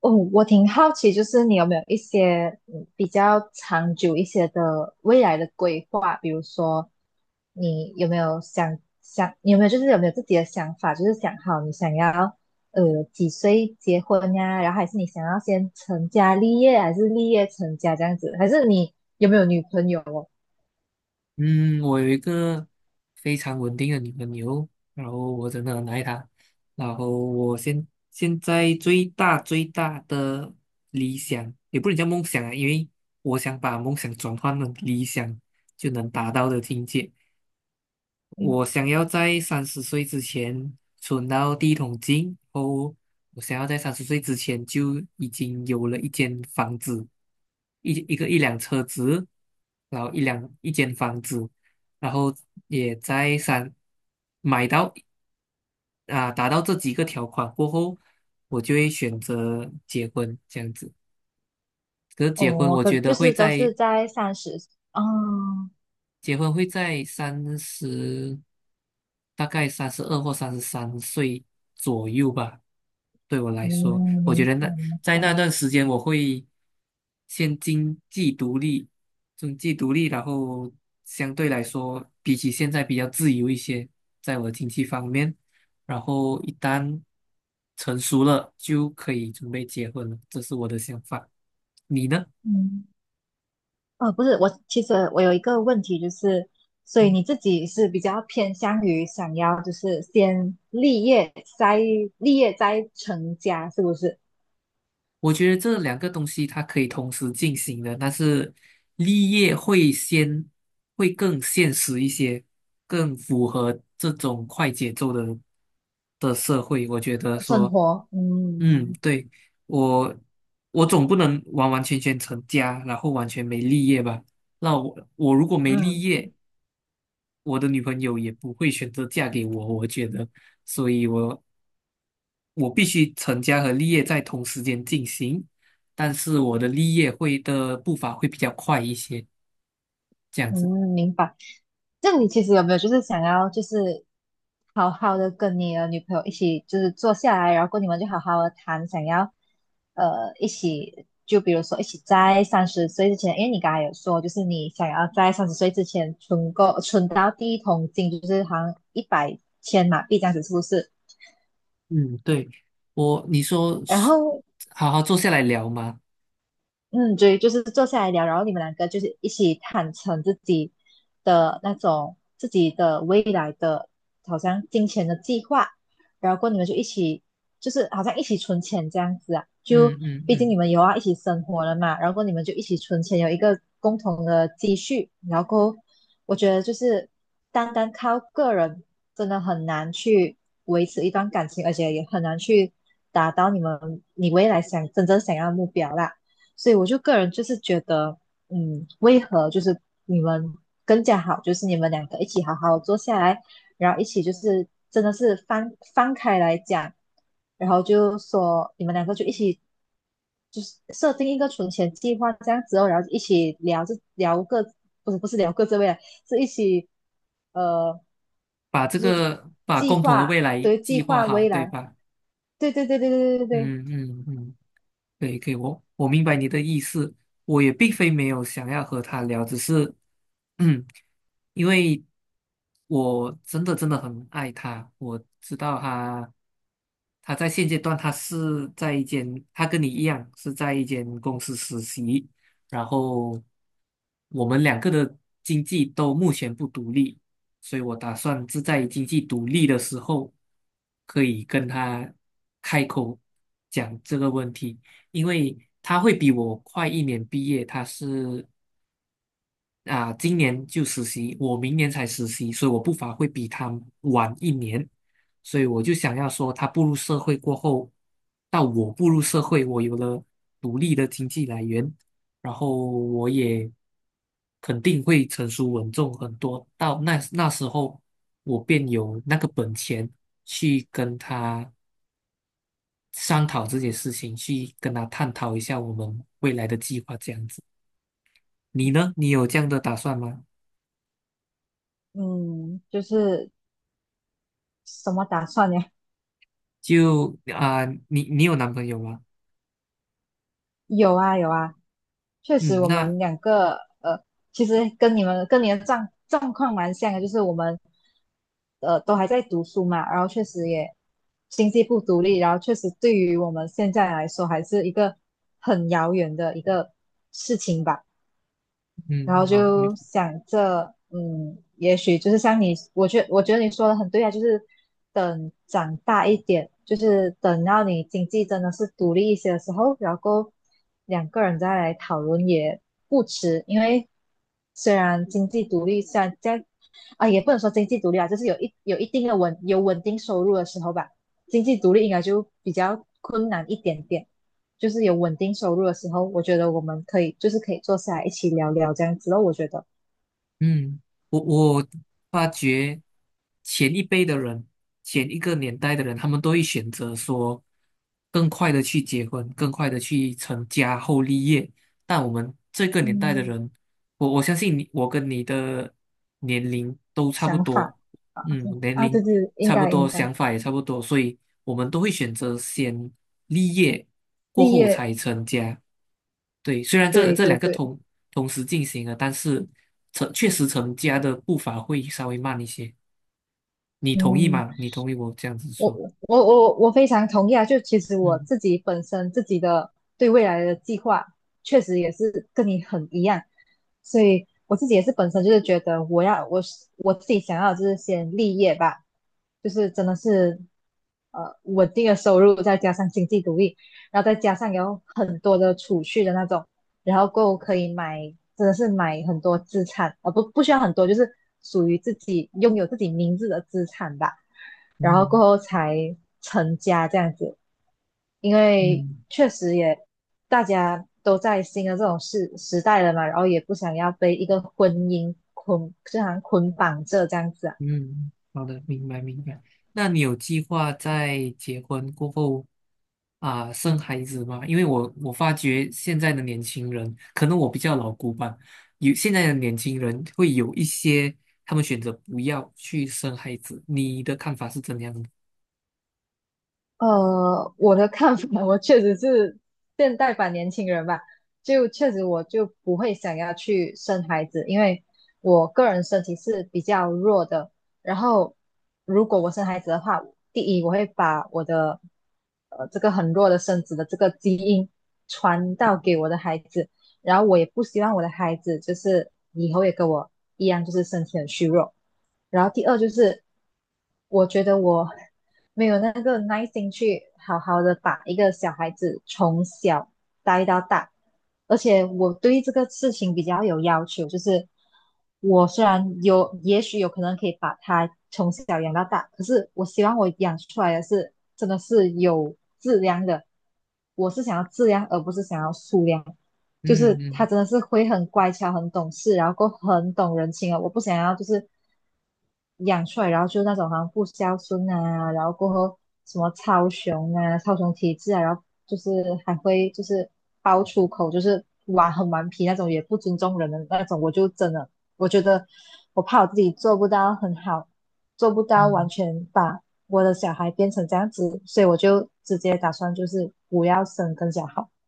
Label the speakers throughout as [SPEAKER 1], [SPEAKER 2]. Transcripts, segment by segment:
[SPEAKER 1] 哦，我挺好奇，就是你有没有一些比较长久一些的未来的规划？比如说，你有没有自己的想法？就是想好你想要几岁结婚呀？然后还是你想要先成家立业，还是立业成家这样子？还是你有没有女朋友哦？
[SPEAKER 2] 嗯，我有一个非常稳定的女朋友，然后我真的很爱她。然后我现在最大最大的理想，也不能叫梦想啊，因为我想把梦想转换成理想就能达到的境界。
[SPEAKER 1] 嗯，
[SPEAKER 2] 我想要在三十岁之前存到第一桶金，然后我想要在三十岁之前就已经有了一间房子，一辆车子，然后一间房子，然后也在三买到啊达到这几个条款过后，我就会选择结婚这样子。可是结婚，
[SPEAKER 1] 哦，
[SPEAKER 2] 我
[SPEAKER 1] 可
[SPEAKER 2] 觉
[SPEAKER 1] 就
[SPEAKER 2] 得会
[SPEAKER 1] 是都
[SPEAKER 2] 在
[SPEAKER 1] 是在三十。哦，
[SPEAKER 2] 结婚会在三十。大概三十二或三十三岁左右吧。对我来
[SPEAKER 1] 嗯，
[SPEAKER 2] 说，我觉
[SPEAKER 1] 明
[SPEAKER 2] 得
[SPEAKER 1] 白明
[SPEAKER 2] 在
[SPEAKER 1] 白，
[SPEAKER 2] 那段时间，我会先经济独立，然后相对来说，比起现在比较自由一些，在我的经济方面。然后一旦成熟了，就可以准备结婚了，这是我的想法。你呢？
[SPEAKER 1] 嗯。哦，不是，我其实有一个问题，就是，所以你自己是比较偏向于想要就是先立业再成家，是不是？
[SPEAKER 2] 我觉得这两个东西它可以同时进行的，但是立业会更现实一些，更符合这种快节奏的社会。我觉得
[SPEAKER 1] 生
[SPEAKER 2] 说，
[SPEAKER 1] 活，
[SPEAKER 2] 嗯，
[SPEAKER 1] 嗯，
[SPEAKER 2] 对，我我总不能完完全全成家，然后完全没立业吧？那我如果没立
[SPEAKER 1] 嗯
[SPEAKER 2] 业，我的女朋友也不会选择嫁给我，我觉得，所以我必须成家和立业在同时间进行，但是我的立业的步伐会比较快一些，这样
[SPEAKER 1] 嗯，
[SPEAKER 2] 子。
[SPEAKER 1] 明白。那你其实有没有就是想要就是好好的跟你的女朋友一起就是坐下来，然后跟你们就好好的谈，想要一起就比如说一起在三十岁之前，因为你刚才有说就是你想要在三十岁之前存到第一桶金，就是好像一百千马币这样子，是不是？
[SPEAKER 2] 嗯，对，你说
[SPEAKER 1] 然
[SPEAKER 2] 是
[SPEAKER 1] 后
[SPEAKER 2] 好好坐下来聊嘛，
[SPEAKER 1] 嗯，对，就是坐下来聊，然后你们两个就是一起坦诚自己的那种自己的未来的，好像金钱的计划，然后过后你们就一起，就是好像一起存钱这样子啊，就
[SPEAKER 2] 嗯嗯
[SPEAKER 1] 毕竟
[SPEAKER 2] 嗯，
[SPEAKER 1] 你们有要一起生活了嘛，然后过后你们就一起存钱，有一个共同的积蓄，然后过后我觉得就是单单靠个人真的很难去维持一段感情，而且也很难去达到你未来真正想要的目标啦。所以我就个人就是觉得，嗯，为何就是你们更加好，就是你们两个一起好好坐下来，然后一起就是真的是翻开来讲，然后就说你们两个就一起就是设定一个存钱计划这样子哦，然后一起聊这聊个不是聊各自未来，是一起呃
[SPEAKER 2] 把
[SPEAKER 1] 计
[SPEAKER 2] 共同的
[SPEAKER 1] 划
[SPEAKER 2] 未来
[SPEAKER 1] 计
[SPEAKER 2] 计划
[SPEAKER 1] 划
[SPEAKER 2] 好，
[SPEAKER 1] 未
[SPEAKER 2] 对
[SPEAKER 1] 来，
[SPEAKER 2] 吧？
[SPEAKER 1] 对。
[SPEAKER 2] 嗯嗯嗯。对，我明白你的意思，我也并非没有想要和他聊，只是，嗯，因为我真的真的很爱他，我知道他在现阶段他跟你一样是在一间公司实习，然后我们两个的经济都目前不独立，所以我打算是在经济独立的时候，可以跟他开口讲这个问题。因为他会比我快一年毕业，他是啊、今年就实习，我明年才实习，所以我步伐会比他晚一年，所以我就想要说，他步入社会过后，到我步入社会，我有了独立的经济来源，然后我也肯定会成熟稳重很多，到那时候，我便有那个本钱去跟他商讨这些事情，去跟他探讨一下我们未来的计划这样子。你呢？你有这样的打算吗？
[SPEAKER 1] 嗯，就是什么打算呀？
[SPEAKER 2] 你有男朋友吗？
[SPEAKER 1] 有啊，确实
[SPEAKER 2] 嗯，
[SPEAKER 1] 我
[SPEAKER 2] 那
[SPEAKER 1] 们两个呃，其实跟你们跟你的状况蛮像的，就是我们都还在读书嘛，然后确实也经济不独立，然后确实对于我们现在来说还是一个很遥远的一个事情吧。然
[SPEAKER 2] 嗯
[SPEAKER 1] 后
[SPEAKER 2] 好，
[SPEAKER 1] 就想着，嗯，也许就是像你，我觉得你说的很对啊，就是等长大一点，就是等到你经济真的是独立一些的时候，然后两个人再来讨论也不迟，因为虽然经济独立，虽然在也不能说经济独立啊，就是有有一定的有稳定收入的时候吧，经济独立应该就比较困难一点点。就是有稳定收入的时候，我觉得我们可以就是可以坐下来一起聊聊这样子我觉得，
[SPEAKER 2] 嗯，我发觉前一辈的人，前一个年代的人，他们都会选择说更快的去结婚，更快的去成家后立业。但我们这个年代的
[SPEAKER 1] 嗯，
[SPEAKER 2] 人，我相信你，我跟你的年龄都差不
[SPEAKER 1] 想
[SPEAKER 2] 多，
[SPEAKER 1] 法啊。
[SPEAKER 2] 嗯，年
[SPEAKER 1] 啊，对
[SPEAKER 2] 龄
[SPEAKER 1] 对，应
[SPEAKER 2] 差不
[SPEAKER 1] 该
[SPEAKER 2] 多，
[SPEAKER 1] 应该，
[SPEAKER 2] 想法也差不多，所以我们都会选择先立业，过
[SPEAKER 1] 立
[SPEAKER 2] 后
[SPEAKER 1] 业，
[SPEAKER 2] 才成家。对，虽然这
[SPEAKER 1] 对
[SPEAKER 2] 这
[SPEAKER 1] 对
[SPEAKER 2] 两个
[SPEAKER 1] 对，
[SPEAKER 2] 同时进行了，但是确实成家的步伐会稍微慢一些。你同意
[SPEAKER 1] 嗯，
[SPEAKER 2] 吗？你同意我这样子
[SPEAKER 1] 我
[SPEAKER 2] 说？
[SPEAKER 1] 我我非常同意啊！就其实我
[SPEAKER 2] 嗯
[SPEAKER 1] 自己本身自己的对未来的计划，确实也是跟你很一样，所以我自己也是本身就是觉得我自己想要就是先立业吧，就是真的是稳定的收入，再加上经济独立，然后再加上有很多的储蓄的那种，然后够可以买，真的是买很多资产啊，不需要很多，就是属于拥有自己名字的资产吧，然后过
[SPEAKER 2] 嗯
[SPEAKER 1] 后才成家这样子，因为
[SPEAKER 2] 嗯
[SPEAKER 1] 确实也大家都在新的这种时代了嘛，然后也不想要被一个婚姻捆，就好像捆绑着这样子啊，
[SPEAKER 2] 嗯，好的，明白明白。那你有计划在结婚过后生孩子吗？因为我发觉现在的年轻人，可能我比较老古板，有现在的年轻人会有一些他们选择不要去生孩子，你的看法是怎样的？
[SPEAKER 1] 呃，我的看法，我确实是现代版年轻人吧，就确实我就不会想要去生孩子，因为我个人身体是比较弱的。然后，如果我生孩子的话，第一我会把我的这个很弱的身子的这个基因传到给我的孩子，然后我也不希望我的孩子就是以后也跟我一样，就是身体很虚弱。然后第二就是，我觉得我没有那个耐心去好好的把一个小孩子从小带到大，而且我对这个事情比较有要求，就是我虽然有，也许有可能可以把他从小养到大，可是我希望我养出来的是真的是有质量的，我是想要质量，而不是想要数量。就
[SPEAKER 2] 嗯
[SPEAKER 1] 是他
[SPEAKER 2] 嗯
[SPEAKER 1] 真的是会很乖巧、很懂事，然后过很懂人情啊。我不想要就是养出来，然后就是那种好像不孝顺啊，然后过后什么超雄啊、超雄体质啊，然后就是还会就是爆粗口，就是玩很顽皮那种，也不尊重人的那种。我就真的我觉得我怕我自己做不到很好，做不到完
[SPEAKER 2] 嗯
[SPEAKER 1] 全把我的小孩变成这样子，所以我就直接打算就是不要生更加好。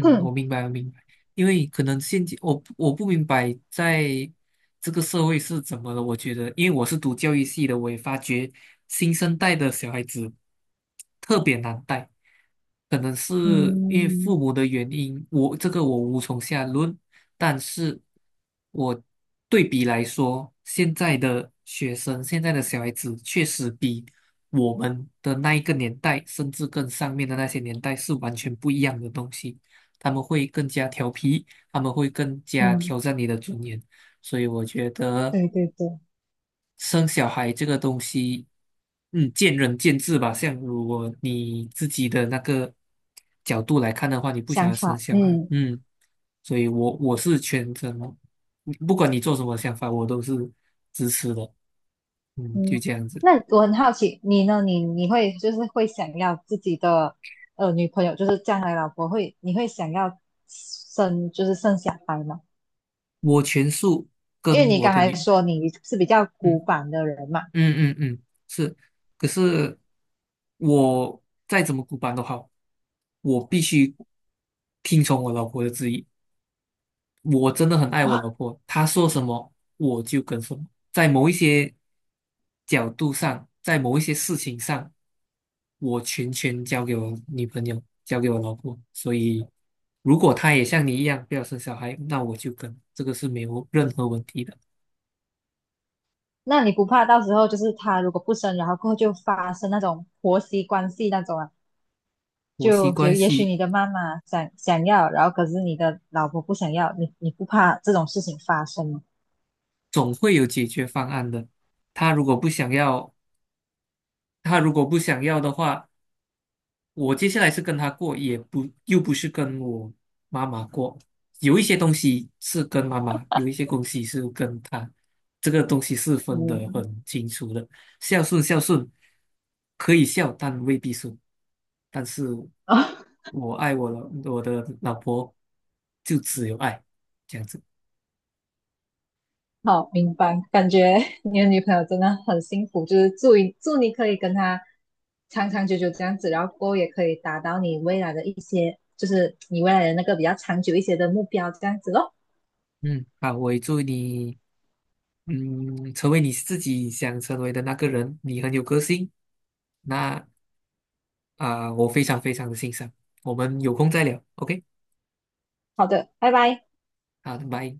[SPEAKER 2] 我明白，我明白，因为可能现今我不明白在这个社会是怎么了。我觉得，因为我是读教育系的，我也发觉新生代的小孩子特别难带，可能是因为
[SPEAKER 1] 嗯。
[SPEAKER 2] 父母的原因，我这个我无从下论。但是我对比来说，现在的学生，现在的小孩子确实比我们的那一个年代，甚至更上面的那些年代是完全不一样的东西。他们会更加调皮，他们会更加
[SPEAKER 1] 嗯，
[SPEAKER 2] 挑战你的尊严。所以我觉得
[SPEAKER 1] 对对对，
[SPEAKER 2] 生小孩这个东西，见仁见智吧。像如果你自己的那个角度来看的话，你不想
[SPEAKER 1] 想
[SPEAKER 2] 要生
[SPEAKER 1] 法，
[SPEAKER 2] 小孩，
[SPEAKER 1] 嗯
[SPEAKER 2] 嗯，所以我是全责不管你做什么想法，我都是支持的，嗯，就
[SPEAKER 1] 嗯，
[SPEAKER 2] 这样子。
[SPEAKER 1] 那我很好奇，你呢？你会就是会想要自己的女朋友，就是将来老婆会，你会想要就是生小孩吗？
[SPEAKER 2] 我全数
[SPEAKER 1] 因为
[SPEAKER 2] 跟
[SPEAKER 1] 你
[SPEAKER 2] 我
[SPEAKER 1] 刚
[SPEAKER 2] 的
[SPEAKER 1] 才
[SPEAKER 2] 女，
[SPEAKER 1] 说你是比较
[SPEAKER 2] 嗯。
[SPEAKER 1] 古板的人嘛，
[SPEAKER 2] 嗯嗯嗯，是，可是我再怎么古板都好，我必须听从我老婆的旨意。我真的很爱我老婆，她说什么我就跟什么。在某一些角度上，在某一些事情上，我全权交给我女朋友，交给我老婆。所以，如果她也像你一样不要生小孩，那我就跟，这个是没有任何问题的。
[SPEAKER 1] 那你不怕到时候就是他如果不生，然后过后就发生那种婆媳关系那种啊？
[SPEAKER 2] 婆媳
[SPEAKER 1] 就
[SPEAKER 2] 关
[SPEAKER 1] 也许
[SPEAKER 2] 系。
[SPEAKER 1] 你的妈妈想要，然后可是你的老婆不想要，你不怕这种事情发生吗？
[SPEAKER 2] 总会有解决方案的。他如果不想要，他如果不想要的话，我接下来是跟他过，也不又不是跟我妈妈过。有一些东西是跟妈妈，有一些东西是跟他，这个东西是分得
[SPEAKER 1] 嗯。
[SPEAKER 2] 很清楚的。孝顺，孝顺可以孝，但未必顺。但是 我爱我的老婆，就只有爱这样子。
[SPEAKER 1] 好，明白。感觉 你的女朋友真的很幸福，就是祝你可以跟她长长久久这样子，然后过后也可以达到你未来的一些，就是你未来的那个比较长久一些的目标，这样子咯。
[SPEAKER 2] 嗯，好，我也祝你。嗯，成为你自己想成为的那个人，你很有个性。那我非常非常的欣赏。我们有空再聊，OK？
[SPEAKER 1] 好的，拜拜。
[SPEAKER 2] 好的，拜。